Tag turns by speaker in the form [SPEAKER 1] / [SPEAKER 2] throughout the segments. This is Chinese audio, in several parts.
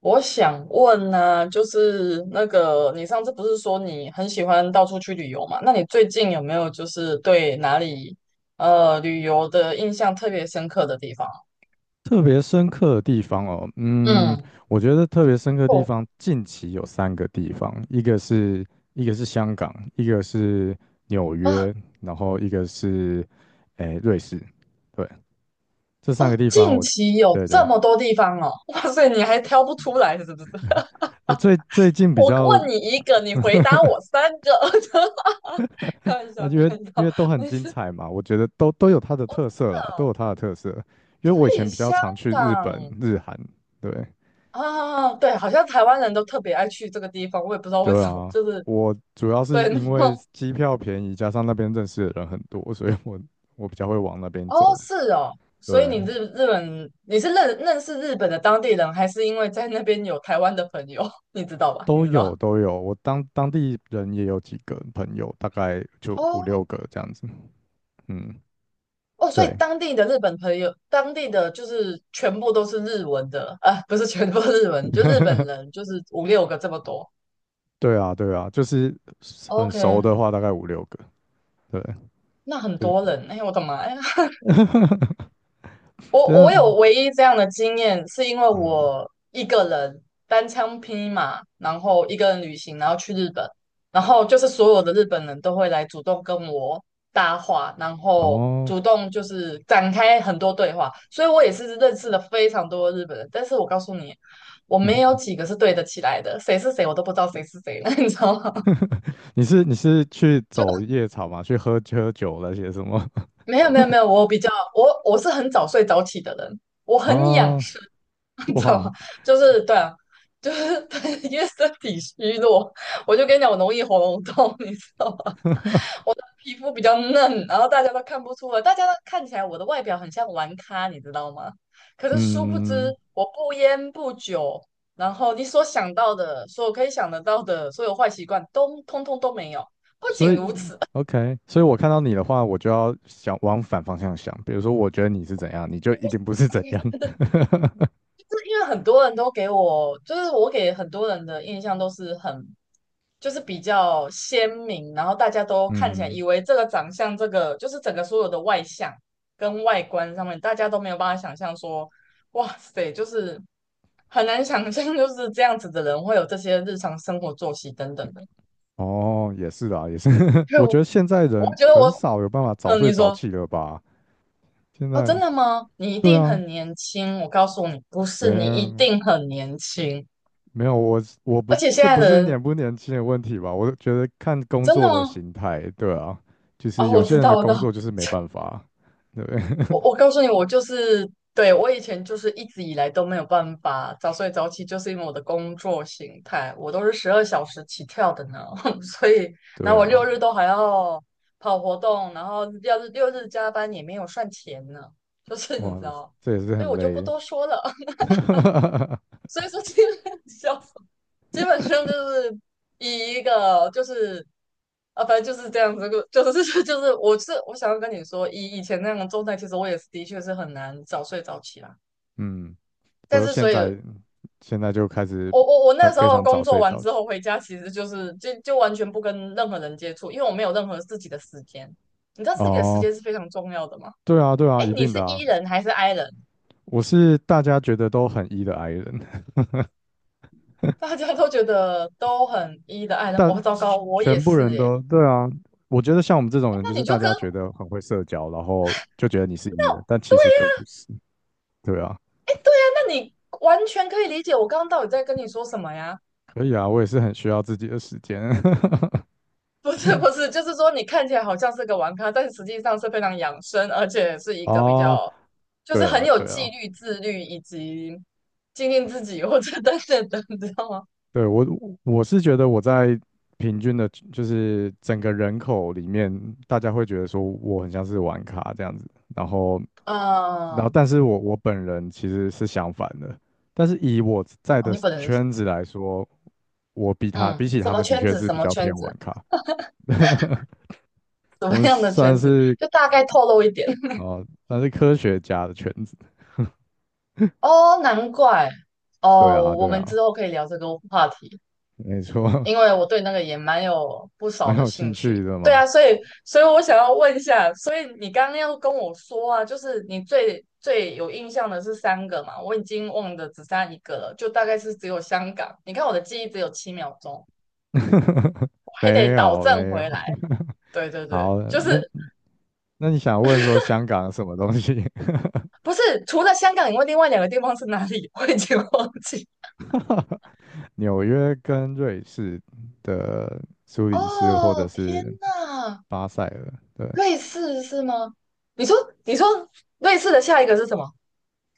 [SPEAKER 1] 我想问呢、就是那个你上次不是说你很喜欢到处去旅游嘛？那你最近有没有就是对哪里旅游的印象特别深刻的地方？
[SPEAKER 2] 特别深刻的地方哦，嗯，
[SPEAKER 1] 嗯，
[SPEAKER 2] 我觉得特别深刻的地
[SPEAKER 1] 哦
[SPEAKER 2] 方，近期有三个地方，一个是香港，一个是纽
[SPEAKER 1] 啊
[SPEAKER 2] 约，然后一个是瑞士，对，这三
[SPEAKER 1] 哦，
[SPEAKER 2] 个地方
[SPEAKER 1] 近
[SPEAKER 2] 我，
[SPEAKER 1] 期有
[SPEAKER 2] 对
[SPEAKER 1] 这
[SPEAKER 2] 对，
[SPEAKER 1] 么多地方哦，哇塞，你还挑不出来是不是？
[SPEAKER 2] 最最近比
[SPEAKER 1] 我
[SPEAKER 2] 较
[SPEAKER 1] 问你一个，你回答我三个，开玩笑，
[SPEAKER 2] 因
[SPEAKER 1] 开
[SPEAKER 2] 为
[SPEAKER 1] 玩笑，
[SPEAKER 2] 都很
[SPEAKER 1] 没
[SPEAKER 2] 精
[SPEAKER 1] 事，
[SPEAKER 2] 彩嘛，我觉得都有它的
[SPEAKER 1] 我
[SPEAKER 2] 特
[SPEAKER 1] 的
[SPEAKER 2] 色啦，都有它的特色，因为我以
[SPEAKER 1] 对
[SPEAKER 2] 前比较
[SPEAKER 1] 香
[SPEAKER 2] 常去日本、
[SPEAKER 1] 港。
[SPEAKER 2] 日韩，对。
[SPEAKER 1] 啊，对，好像台湾人都特别爱去这个地方，我也不知道为
[SPEAKER 2] 对
[SPEAKER 1] 什么，
[SPEAKER 2] 啊，
[SPEAKER 1] 就是
[SPEAKER 2] 我主要
[SPEAKER 1] 对，
[SPEAKER 2] 是
[SPEAKER 1] 然
[SPEAKER 2] 因为
[SPEAKER 1] 后
[SPEAKER 2] 机票便宜，加上那边认识的人很多，所以我比较会往那 边
[SPEAKER 1] 哦，
[SPEAKER 2] 走。
[SPEAKER 1] 是哦，所以
[SPEAKER 2] 对，
[SPEAKER 1] 你日本你是认识日本的当地人，还是因为在那边有台湾的朋友？你知道吧？你
[SPEAKER 2] 都
[SPEAKER 1] 知
[SPEAKER 2] 有
[SPEAKER 1] 道
[SPEAKER 2] 都有，我当地人也有几个朋友，大概就五
[SPEAKER 1] 哦
[SPEAKER 2] 六个这样子。嗯，
[SPEAKER 1] 哦，所以
[SPEAKER 2] 对，
[SPEAKER 1] 当地的日本朋友，当地的就是全部都是日文的，啊，不是全部日文，就日本 人，就是五六个这么多。
[SPEAKER 2] 对啊，对啊，就是很熟
[SPEAKER 1] OK，
[SPEAKER 2] 的话，大概五六个。对，
[SPEAKER 1] 那很
[SPEAKER 2] 对，
[SPEAKER 1] 多人，哎，我的妈呀！
[SPEAKER 2] 对
[SPEAKER 1] 我
[SPEAKER 2] 啊，
[SPEAKER 1] 我有唯一这样的经验，是因为
[SPEAKER 2] 嗯，
[SPEAKER 1] 我一个人单枪匹马，然后一个人旅行，然后去日本，然后就是所有的日本人都会来主动跟我搭话，然后
[SPEAKER 2] 哦，
[SPEAKER 1] 主动就是展开很多对话，所以我也是认识了非常多的日本人。但是我告诉你，我没有 几个是对得起来的，谁是谁我都不知道谁是谁了，你知道吗？
[SPEAKER 2] 你是去
[SPEAKER 1] 就。
[SPEAKER 2] 走夜场吗？去喝喝酒那些什么？
[SPEAKER 1] 没有没有没有，我比较我我是很早睡早起的人，我 很养
[SPEAKER 2] 啊，
[SPEAKER 1] 生，你知道吗？
[SPEAKER 2] 哇，
[SPEAKER 1] 就是对啊，就是 因为身体虚弱，我就跟你讲，我容易喉咙痛，你知道吗？皮肤比较嫩，然后大家都看不出来，大家都看起来我的外表很像玩咖，你知道吗？可是殊不
[SPEAKER 2] 嗯，
[SPEAKER 1] 知，我不烟不酒，然后你所想到的，所有可以想得到的所有坏习惯，都通通都没有。不
[SPEAKER 2] 所
[SPEAKER 1] 仅
[SPEAKER 2] 以
[SPEAKER 1] 如此，
[SPEAKER 2] OK，所以我看到你的话，我就要想往反方向想。比如说，我觉得你是怎样，你就一定不是怎样。
[SPEAKER 1] 因为很多人都给我，就是我给很多人的印象都是很，就是比较鲜明，然后大家都看起来
[SPEAKER 2] 嗯，
[SPEAKER 1] 以为这个长相，这个就是整个所有的外向跟外观上面，大家都没有办法想象说，哇塞，就是很难想象，就是这样子的人会有这些日常生活作息等等的。
[SPEAKER 2] 哦，也是啦，也是。
[SPEAKER 1] 就，
[SPEAKER 2] 我觉
[SPEAKER 1] 我
[SPEAKER 2] 得现在人
[SPEAKER 1] 我觉得
[SPEAKER 2] 很少有办法早
[SPEAKER 1] 嗯，
[SPEAKER 2] 睡
[SPEAKER 1] 你
[SPEAKER 2] 早
[SPEAKER 1] 说，
[SPEAKER 2] 起了吧？现
[SPEAKER 1] 哦，
[SPEAKER 2] 在，
[SPEAKER 1] 真的吗？你一
[SPEAKER 2] 对
[SPEAKER 1] 定
[SPEAKER 2] 啊，
[SPEAKER 1] 很年轻，我告诉你，不
[SPEAKER 2] 没
[SPEAKER 1] 是，你一
[SPEAKER 2] 有
[SPEAKER 1] 定很年轻，
[SPEAKER 2] 没有，我是我不，
[SPEAKER 1] 而且现
[SPEAKER 2] 这
[SPEAKER 1] 在
[SPEAKER 2] 不
[SPEAKER 1] 的
[SPEAKER 2] 是年
[SPEAKER 1] 人
[SPEAKER 2] 不年轻的问题吧？我觉得看工
[SPEAKER 1] 真
[SPEAKER 2] 作
[SPEAKER 1] 的
[SPEAKER 2] 的
[SPEAKER 1] 吗？
[SPEAKER 2] 形态，对啊，就是
[SPEAKER 1] 哦，
[SPEAKER 2] 有
[SPEAKER 1] 我
[SPEAKER 2] 些
[SPEAKER 1] 知
[SPEAKER 2] 人
[SPEAKER 1] 道，
[SPEAKER 2] 的
[SPEAKER 1] 我知
[SPEAKER 2] 工
[SPEAKER 1] 道，
[SPEAKER 2] 作就是没办法，对不对
[SPEAKER 1] 我告诉你，我就是对我以前就是一直以来都没有办法早睡早起，就是因为我的工作形态，我都是12小时起跳的呢，所以 然
[SPEAKER 2] 对
[SPEAKER 1] 后我六
[SPEAKER 2] 啊，
[SPEAKER 1] 日都还要跑活动，然后要是六日加班也没有算钱呢，就是你
[SPEAKER 2] 哇，
[SPEAKER 1] 知道，
[SPEAKER 2] 这也是
[SPEAKER 1] 所以
[SPEAKER 2] 很
[SPEAKER 1] 我就不
[SPEAKER 2] 累。
[SPEAKER 1] 多说了。所以说这个 笑基本上就是以一个就是啊，反正就是这样子，就是 就是我是我想要跟你说，以前那样的状态，其实我也是的确是很难早睡早起啦。
[SPEAKER 2] 嗯，不
[SPEAKER 1] 但
[SPEAKER 2] 是
[SPEAKER 1] 是
[SPEAKER 2] 现
[SPEAKER 1] 所以，
[SPEAKER 2] 在现在就开始
[SPEAKER 1] 我
[SPEAKER 2] 很
[SPEAKER 1] 那时
[SPEAKER 2] 非
[SPEAKER 1] 候
[SPEAKER 2] 常
[SPEAKER 1] 工
[SPEAKER 2] 早
[SPEAKER 1] 作
[SPEAKER 2] 睡
[SPEAKER 1] 完
[SPEAKER 2] 早
[SPEAKER 1] 之
[SPEAKER 2] 起。
[SPEAKER 1] 后回家，其实就是就完全不跟任何人接触，因为我没有任何自己的时间。你知道自己的时
[SPEAKER 2] 哦，
[SPEAKER 1] 间是非常重要的吗？
[SPEAKER 2] 对啊，对啊，
[SPEAKER 1] 哎，
[SPEAKER 2] 一
[SPEAKER 1] 你
[SPEAKER 2] 定
[SPEAKER 1] 是
[SPEAKER 2] 的啊。
[SPEAKER 1] E 人还是 I 人？
[SPEAKER 2] 我是大家觉得都很 E 的 I 人，
[SPEAKER 1] 大家都觉得都很 E 的 I 人，我、
[SPEAKER 2] 但
[SPEAKER 1] 糟糕，我也
[SPEAKER 2] 全部
[SPEAKER 1] 是
[SPEAKER 2] 人
[SPEAKER 1] 耶。
[SPEAKER 2] 都对啊。我觉得像我们这种
[SPEAKER 1] 诶
[SPEAKER 2] 人，就
[SPEAKER 1] 那
[SPEAKER 2] 是
[SPEAKER 1] 你
[SPEAKER 2] 大
[SPEAKER 1] 就跟
[SPEAKER 2] 家觉得很会社交，然后就觉得你是 E 人，但其实更不是。对啊，
[SPEAKER 1] 哎，对呀，那你完全可以理解我刚刚到底在跟你说什么呀？
[SPEAKER 2] 可以啊，我也是很需要自己的时间。
[SPEAKER 1] 不是不是，就是说你看起来好像是个玩咖，但实际上是非常养生，而且是一个比
[SPEAKER 2] 哦，
[SPEAKER 1] 较就是
[SPEAKER 2] 对
[SPEAKER 1] 很
[SPEAKER 2] 啦，
[SPEAKER 1] 有
[SPEAKER 2] 对
[SPEAKER 1] 纪
[SPEAKER 2] 啦，
[SPEAKER 1] 律、自律以及经营自己或者等等等，你知道吗？
[SPEAKER 2] 对，我我是觉得我在平均的，就是整个人口里面，大家会觉得说我很像是玩卡这样子，然后
[SPEAKER 1] 嗯，
[SPEAKER 2] 但是我本人其实是相反的，但是以我在
[SPEAKER 1] 哦，
[SPEAKER 2] 的
[SPEAKER 1] 你本人是
[SPEAKER 2] 圈子来说，我
[SPEAKER 1] 嗯，
[SPEAKER 2] 比起
[SPEAKER 1] 什
[SPEAKER 2] 他
[SPEAKER 1] 么
[SPEAKER 2] 们的
[SPEAKER 1] 圈
[SPEAKER 2] 确
[SPEAKER 1] 子？
[SPEAKER 2] 是
[SPEAKER 1] 什
[SPEAKER 2] 比
[SPEAKER 1] 么
[SPEAKER 2] 较
[SPEAKER 1] 圈
[SPEAKER 2] 偏
[SPEAKER 1] 子？
[SPEAKER 2] 玩卡。
[SPEAKER 1] 什
[SPEAKER 2] 我
[SPEAKER 1] 么
[SPEAKER 2] 们
[SPEAKER 1] 样的
[SPEAKER 2] 算
[SPEAKER 1] 圈子？
[SPEAKER 2] 是
[SPEAKER 1] 就大概透露一点。
[SPEAKER 2] 算是科学家的圈子，
[SPEAKER 1] 哦，难怪
[SPEAKER 2] 对
[SPEAKER 1] 哦，
[SPEAKER 2] 啊
[SPEAKER 1] 我
[SPEAKER 2] 对
[SPEAKER 1] 们
[SPEAKER 2] 啊，
[SPEAKER 1] 之后可以聊这个话题。
[SPEAKER 2] 没错，
[SPEAKER 1] 因为我对那个也蛮有不 少
[SPEAKER 2] 蛮
[SPEAKER 1] 的
[SPEAKER 2] 有
[SPEAKER 1] 兴
[SPEAKER 2] 兴
[SPEAKER 1] 趣。
[SPEAKER 2] 趣的
[SPEAKER 1] 对
[SPEAKER 2] 嘛，
[SPEAKER 1] 啊，所以我想要问一下，所以你刚刚要跟我说啊，就是你最最有印象的是三个嘛？我已经忘的只剩下一个了，就大概是只有香港。你看我的记忆只有7秒钟，我还得
[SPEAKER 2] 没
[SPEAKER 1] 倒
[SPEAKER 2] 有没
[SPEAKER 1] 正
[SPEAKER 2] 有。
[SPEAKER 1] 回来。对对 对，
[SPEAKER 2] 好，
[SPEAKER 1] 就
[SPEAKER 2] 那
[SPEAKER 1] 是
[SPEAKER 2] 你想问说香港什么东西？
[SPEAKER 1] 不是除了香港以外，另外两个地方是哪里？我已经忘记。
[SPEAKER 2] 纽约跟瑞士的苏黎世或者
[SPEAKER 1] 哦，天
[SPEAKER 2] 是
[SPEAKER 1] 哪，
[SPEAKER 2] 巴塞尔，对，
[SPEAKER 1] 瑞士是吗？你说你说瑞士的下一个是什么？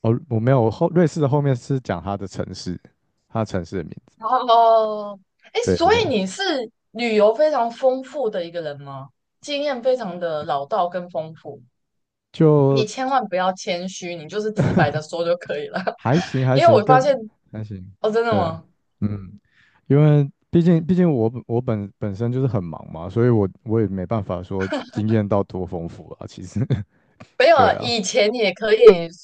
[SPEAKER 2] 哦，我没有，瑞士的后面是讲它的城市，它的城市的名字，
[SPEAKER 1] 哦，哎，
[SPEAKER 2] 对对
[SPEAKER 1] 所
[SPEAKER 2] 对，
[SPEAKER 1] 以你是旅游非常丰富的一个人吗？经验非常的老道跟丰富，你
[SPEAKER 2] 就
[SPEAKER 1] 千万不要谦虚，你就是直白的 说就可以了。
[SPEAKER 2] 还 行还
[SPEAKER 1] 因为
[SPEAKER 2] 行，
[SPEAKER 1] 我发
[SPEAKER 2] 跟
[SPEAKER 1] 现，
[SPEAKER 2] 还行，
[SPEAKER 1] 哦，真的
[SPEAKER 2] 对，
[SPEAKER 1] 吗？
[SPEAKER 2] 嗯，因为毕竟我本身就是很忙嘛，所以我也没办法说经验到多丰富啊，其实，
[SPEAKER 1] 没 有
[SPEAKER 2] 对
[SPEAKER 1] 啊，
[SPEAKER 2] 啊，
[SPEAKER 1] 以前也可以，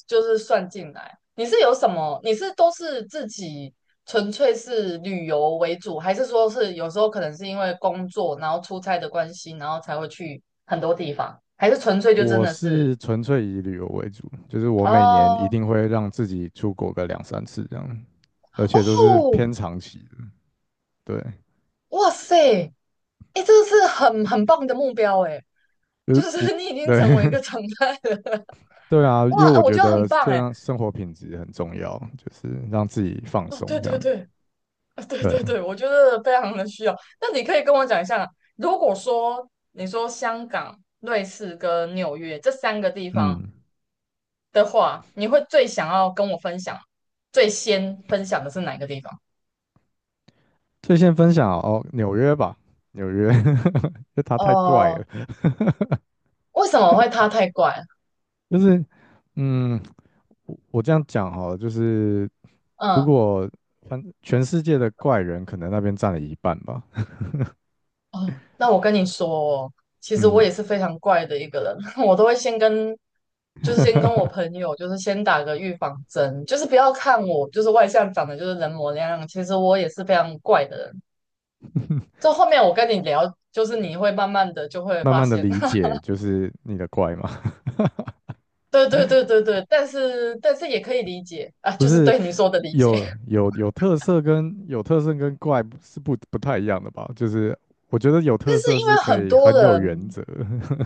[SPEAKER 1] 就是算进来。你是有什么？你是都是自己纯粹是旅游为主，还是说是有时候可能是因为工作，然后出差的关系，然后才会去很多地方，还是纯粹就真
[SPEAKER 2] 我
[SPEAKER 1] 的是？
[SPEAKER 2] 是纯粹以旅游为主，就是我每年一
[SPEAKER 1] 哦
[SPEAKER 2] 定会让自己出国个两三次这样，而且都是
[SPEAKER 1] 哦，
[SPEAKER 2] 偏长期的。对，
[SPEAKER 1] 哇塞，哎，这个是很棒的目标哎，
[SPEAKER 2] 就
[SPEAKER 1] 就
[SPEAKER 2] 是我，
[SPEAKER 1] 是 你已经
[SPEAKER 2] 对，
[SPEAKER 1] 成为一个 常态了。
[SPEAKER 2] 对啊，因为
[SPEAKER 1] 哇，啊
[SPEAKER 2] 我
[SPEAKER 1] 我
[SPEAKER 2] 觉
[SPEAKER 1] 觉得
[SPEAKER 2] 得
[SPEAKER 1] 很棒
[SPEAKER 2] 这
[SPEAKER 1] 哎。
[SPEAKER 2] 样生活品质很重要，就是让自己放
[SPEAKER 1] 哦，
[SPEAKER 2] 松
[SPEAKER 1] 对
[SPEAKER 2] 这
[SPEAKER 1] 对
[SPEAKER 2] 样。
[SPEAKER 1] 对，啊对
[SPEAKER 2] 对，
[SPEAKER 1] 对对，我觉得非常的需要。那你可以跟我讲一下，如果说你说香港、瑞士跟纽约这三个地方
[SPEAKER 2] 嗯，
[SPEAKER 1] 的话，你会最想要跟我分享，最先分享的是哪个地方？
[SPEAKER 2] 最先分享哦，纽约吧，纽约，就它太怪了，
[SPEAKER 1] 哦，为什么会他太怪？
[SPEAKER 2] 就是嗯，我这样讲好了就是如
[SPEAKER 1] 嗯。
[SPEAKER 2] 果。反全世界的怪人可能那边占了一半吧，
[SPEAKER 1] 哦，那我跟你说哦其实
[SPEAKER 2] 嗯，
[SPEAKER 1] 我也是非常怪的一个人，我都会先跟，就是先跟我朋友，就是先打个预防针，就是不要看我，就是外向长得就是人模人样，其实我也是非常怪的人。这后面我跟你聊，就是你会慢慢的就会
[SPEAKER 2] 慢
[SPEAKER 1] 发
[SPEAKER 2] 慢的
[SPEAKER 1] 现，
[SPEAKER 2] 理 解就是你的怪嘛，
[SPEAKER 1] 对对对对对，但是也可以理解 啊，
[SPEAKER 2] 不
[SPEAKER 1] 就是
[SPEAKER 2] 是
[SPEAKER 1] 对你说的理解，
[SPEAKER 2] 有特色跟怪不是不太一样的吧？就是我觉得有
[SPEAKER 1] 但
[SPEAKER 2] 特
[SPEAKER 1] 是
[SPEAKER 2] 色
[SPEAKER 1] 因
[SPEAKER 2] 是
[SPEAKER 1] 为
[SPEAKER 2] 可
[SPEAKER 1] 很
[SPEAKER 2] 以
[SPEAKER 1] 多
[SPEAKER 2] 很有原
[SPEAKER 1] 人。
[SPEAKER 2] 则，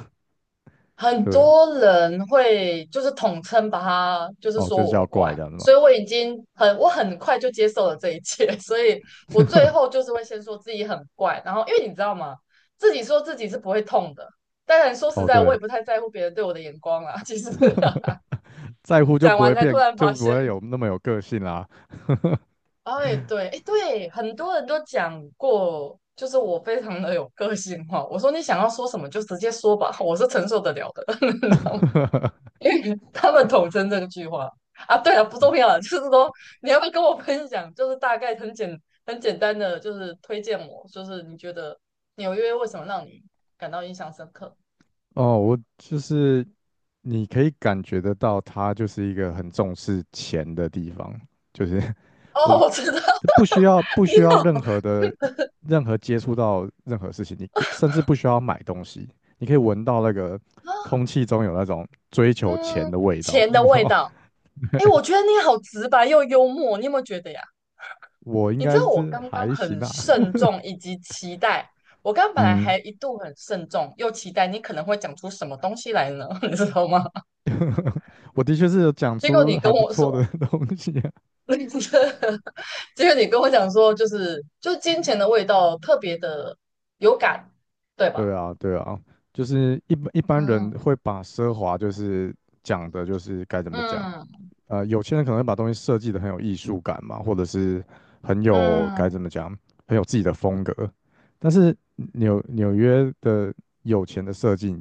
[SPEAKER 1] 很
[SPEAKER 2] 对，
[SPEAKER 1] 多人会就是统称把它就是
[SPEAKER 2] 哦，就
[SPEAKER 1] 说
[SPEAKER 2] 是
[SPEAKER 1] 我
[SPEAKER 2] 叫怪
[SPEAKER 1] 怪，
[SPEAKER 2] 这样子嘛，
[SPEAKER 1] 所以我已经很我很快就接受了这一切，所以我最后就是会先说自己很怪，然后因为你知道吗，自己说自己是不会痛的。当然说实
[SPEAKER 2] 哦，
[SPEAKER 1] 在，我
[SPEAKER 2] 对，
[SPEAKER 1] 也不太在乎别人对我的眼光啦。其实
[SPEAKER 2] 在乎 就
[SPEAKER 1] 讲
[SPEAKER 2] 不会
[SPEAKER 1] 完才突
[SPEAKER 2] 变，
[SPEAKER 1] 然
[SPEAKER 2] 就
[SPEAKER 1] 发
[SPEAKER 2] 不
[SPEAKER 1] 现，
[SPEAKER 2] 会有那么有个性啦。
[SPEAKER 1] 哎，对，哎，对，很多人都讲过，就是我非常的有个性化。我说你想要说什么就直接说吧，我是承受得了的，你知道吗？因为他们统称这句话啊。对了，不重要了，就是说你要不要跟我分享，就是大概很简单的，就是推荐我，就是你觉得纽约为什么让你感到印象深刻？
[SPEAKER 2] 哦，我就是你可以感觉得到，他就是一个很重视钱的地方。就是
[SPEAKER 1] 哦，
[SPEAKER 2] 我
[SPEAKER 1] 我知道，
[SPEAKER 2] 不
[SPEAKER 1] 你
[SPEAKER 2] 需要
[SPEAKER 1] 好，
[SPEAKER 2] 任何的任何接触到任何事情，你可甚至不需要买东西，你可以闻到那个
[SPEAKER 1] 啊
[SPEAKER 2] 空气中有那种追求钱
[SPEAKER 1] 嗯，
[SPEAKER 2] 的味道，
[SPEAKER 1] 钱的
[SPEAKER 2] 你知道
[SPEAKER 1] 味
[SPEAKER 2] 吗？
[SPEAKER 1] 道。哎，我觉得你好直白又幽默，你有没有觉得呀？
[SPEAKER 2] 我应
[SPEAKER 1] 你知
[SPEAKER 2] 该
[SPEAKER 1] 道我
[SPEAKER 2] 是
[SPEAKER 1] 刚刚
[SPEAKER 2] 还行
[SPEAKER 1] 很
[SPEAKER 2] 啊，
[SPEAKER 1] 慎重以及期待，我刚刚 本来
[SPEAKER 2] 嗯，
[SPEAKER 1] 还一度很慎重又期待你可能会讲出什么东西来呢，你知道吗？
[SPEAKER 2] 我的确是有讲
[SPEAKER 1] 结果
[SPEAKER 2] 出
[SPEAKER 1] 你
[SPEAKER 2] 还
[SPEAKER 1] 跟
[SPEAKER 2] 不
[SPEAKER 1] 我
[SPEAKER 2] 错的
[SPEAKER 1] 说。
[SPEAKER 2] 东西啊
[SPEAKER 1] 结果你跟我讲说，就是就金钱的味道特别的有感，对吧？
[SPEAKER 2] 对啊，对啊，就是一般人
[SPEAKER 1] 嗯
[SPEAKER 2] 会把奢华就是讲的就是该怎么讲，
[SPEAKER 1] 嗯
[SPEAKER 2] 有钱人可能会把东西设计的很有艺术感嘛，或者是很有该
[SPEAKER 1] 嗯
[SPEAKER 2] 怎么讲，很有自己的风格。但是纽约的有钱的设计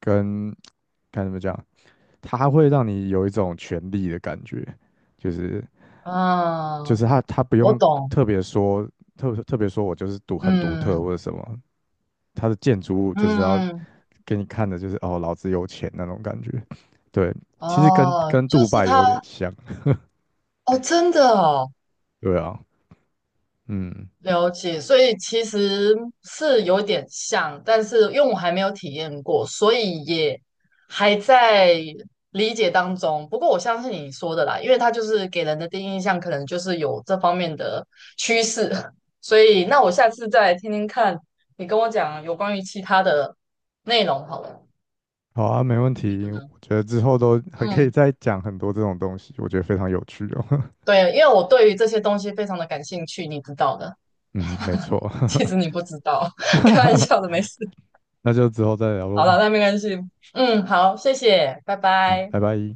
[SPEAKER 2] 跟该怎么讲，它会让你有一种权力的感觉，就是就
[SPEAKER 1] 嗯，
[SPEAKER 2] 是他不
[SPEAKER 1] 我
[SPEAKER 2] 用
[SPEAKER 1] 懂。
[SPEAKER 2] 特别说特别说我就是独很独特
[SPEAKER 1] 嗯
[SPEAKER 2] 或者什么，它的建筑物就是要
[SPEAKER 1] 嗯
[SPEAKER 2] 给你看的就是哦，老子有钱那种感觉。对，其实跟
[SPEAKER 1] 哦，就
[SPEAKER 2] 杜
[SPEAKER 1] 是
[SPEAKER 2] 拜有点
[SPEAKER 1] 他
[SPEAKER 2] 像，
[SPEAKER 1] 哦，真的哦，
[SPEAKER 2] 对啊。嗯，
[SPEAKER 1] 了解，所以其实是有点像，但是因为我还没有体验过，所以也还在理解当中。不过我相信你说的啦，因为它就是给人的第一印象可能就是有这方面的趋势，所以那我下次再听听看你跟我讲有关于其他的内容好了，
[SPEAKER 2] 好啊，没问
[SPEAKER 1] 你觉得
[SPEAKER 2] 题。
[SPEAKER 1] 呢？
[SPEAKER 2] 我觉得之后都还可以
[SPEAKER 1] 嗯，
[SPEAKER 2] 再讲很多这种东西，我觉得非常有趣哦。
[SPEAKER 1] 对，因为我对于这些东西非常的感兴趣，你知道的。
[SPEAKER 2] 嗯，没错，
[SPEAKER 1] 其实你不知道，开玩笑的，没 事。
[SPEAKER 2] 那就之后再聊
[SPEAKER 1] 好
[SPEAKER 2] 喽。
[SPEAKER 1] 了，那没关系。嗯，好，谢谢，拜
[SPEAKER 2] 嗯，
[SPEAKER 1] 拜。
[SPEAKER 2] 拜拜。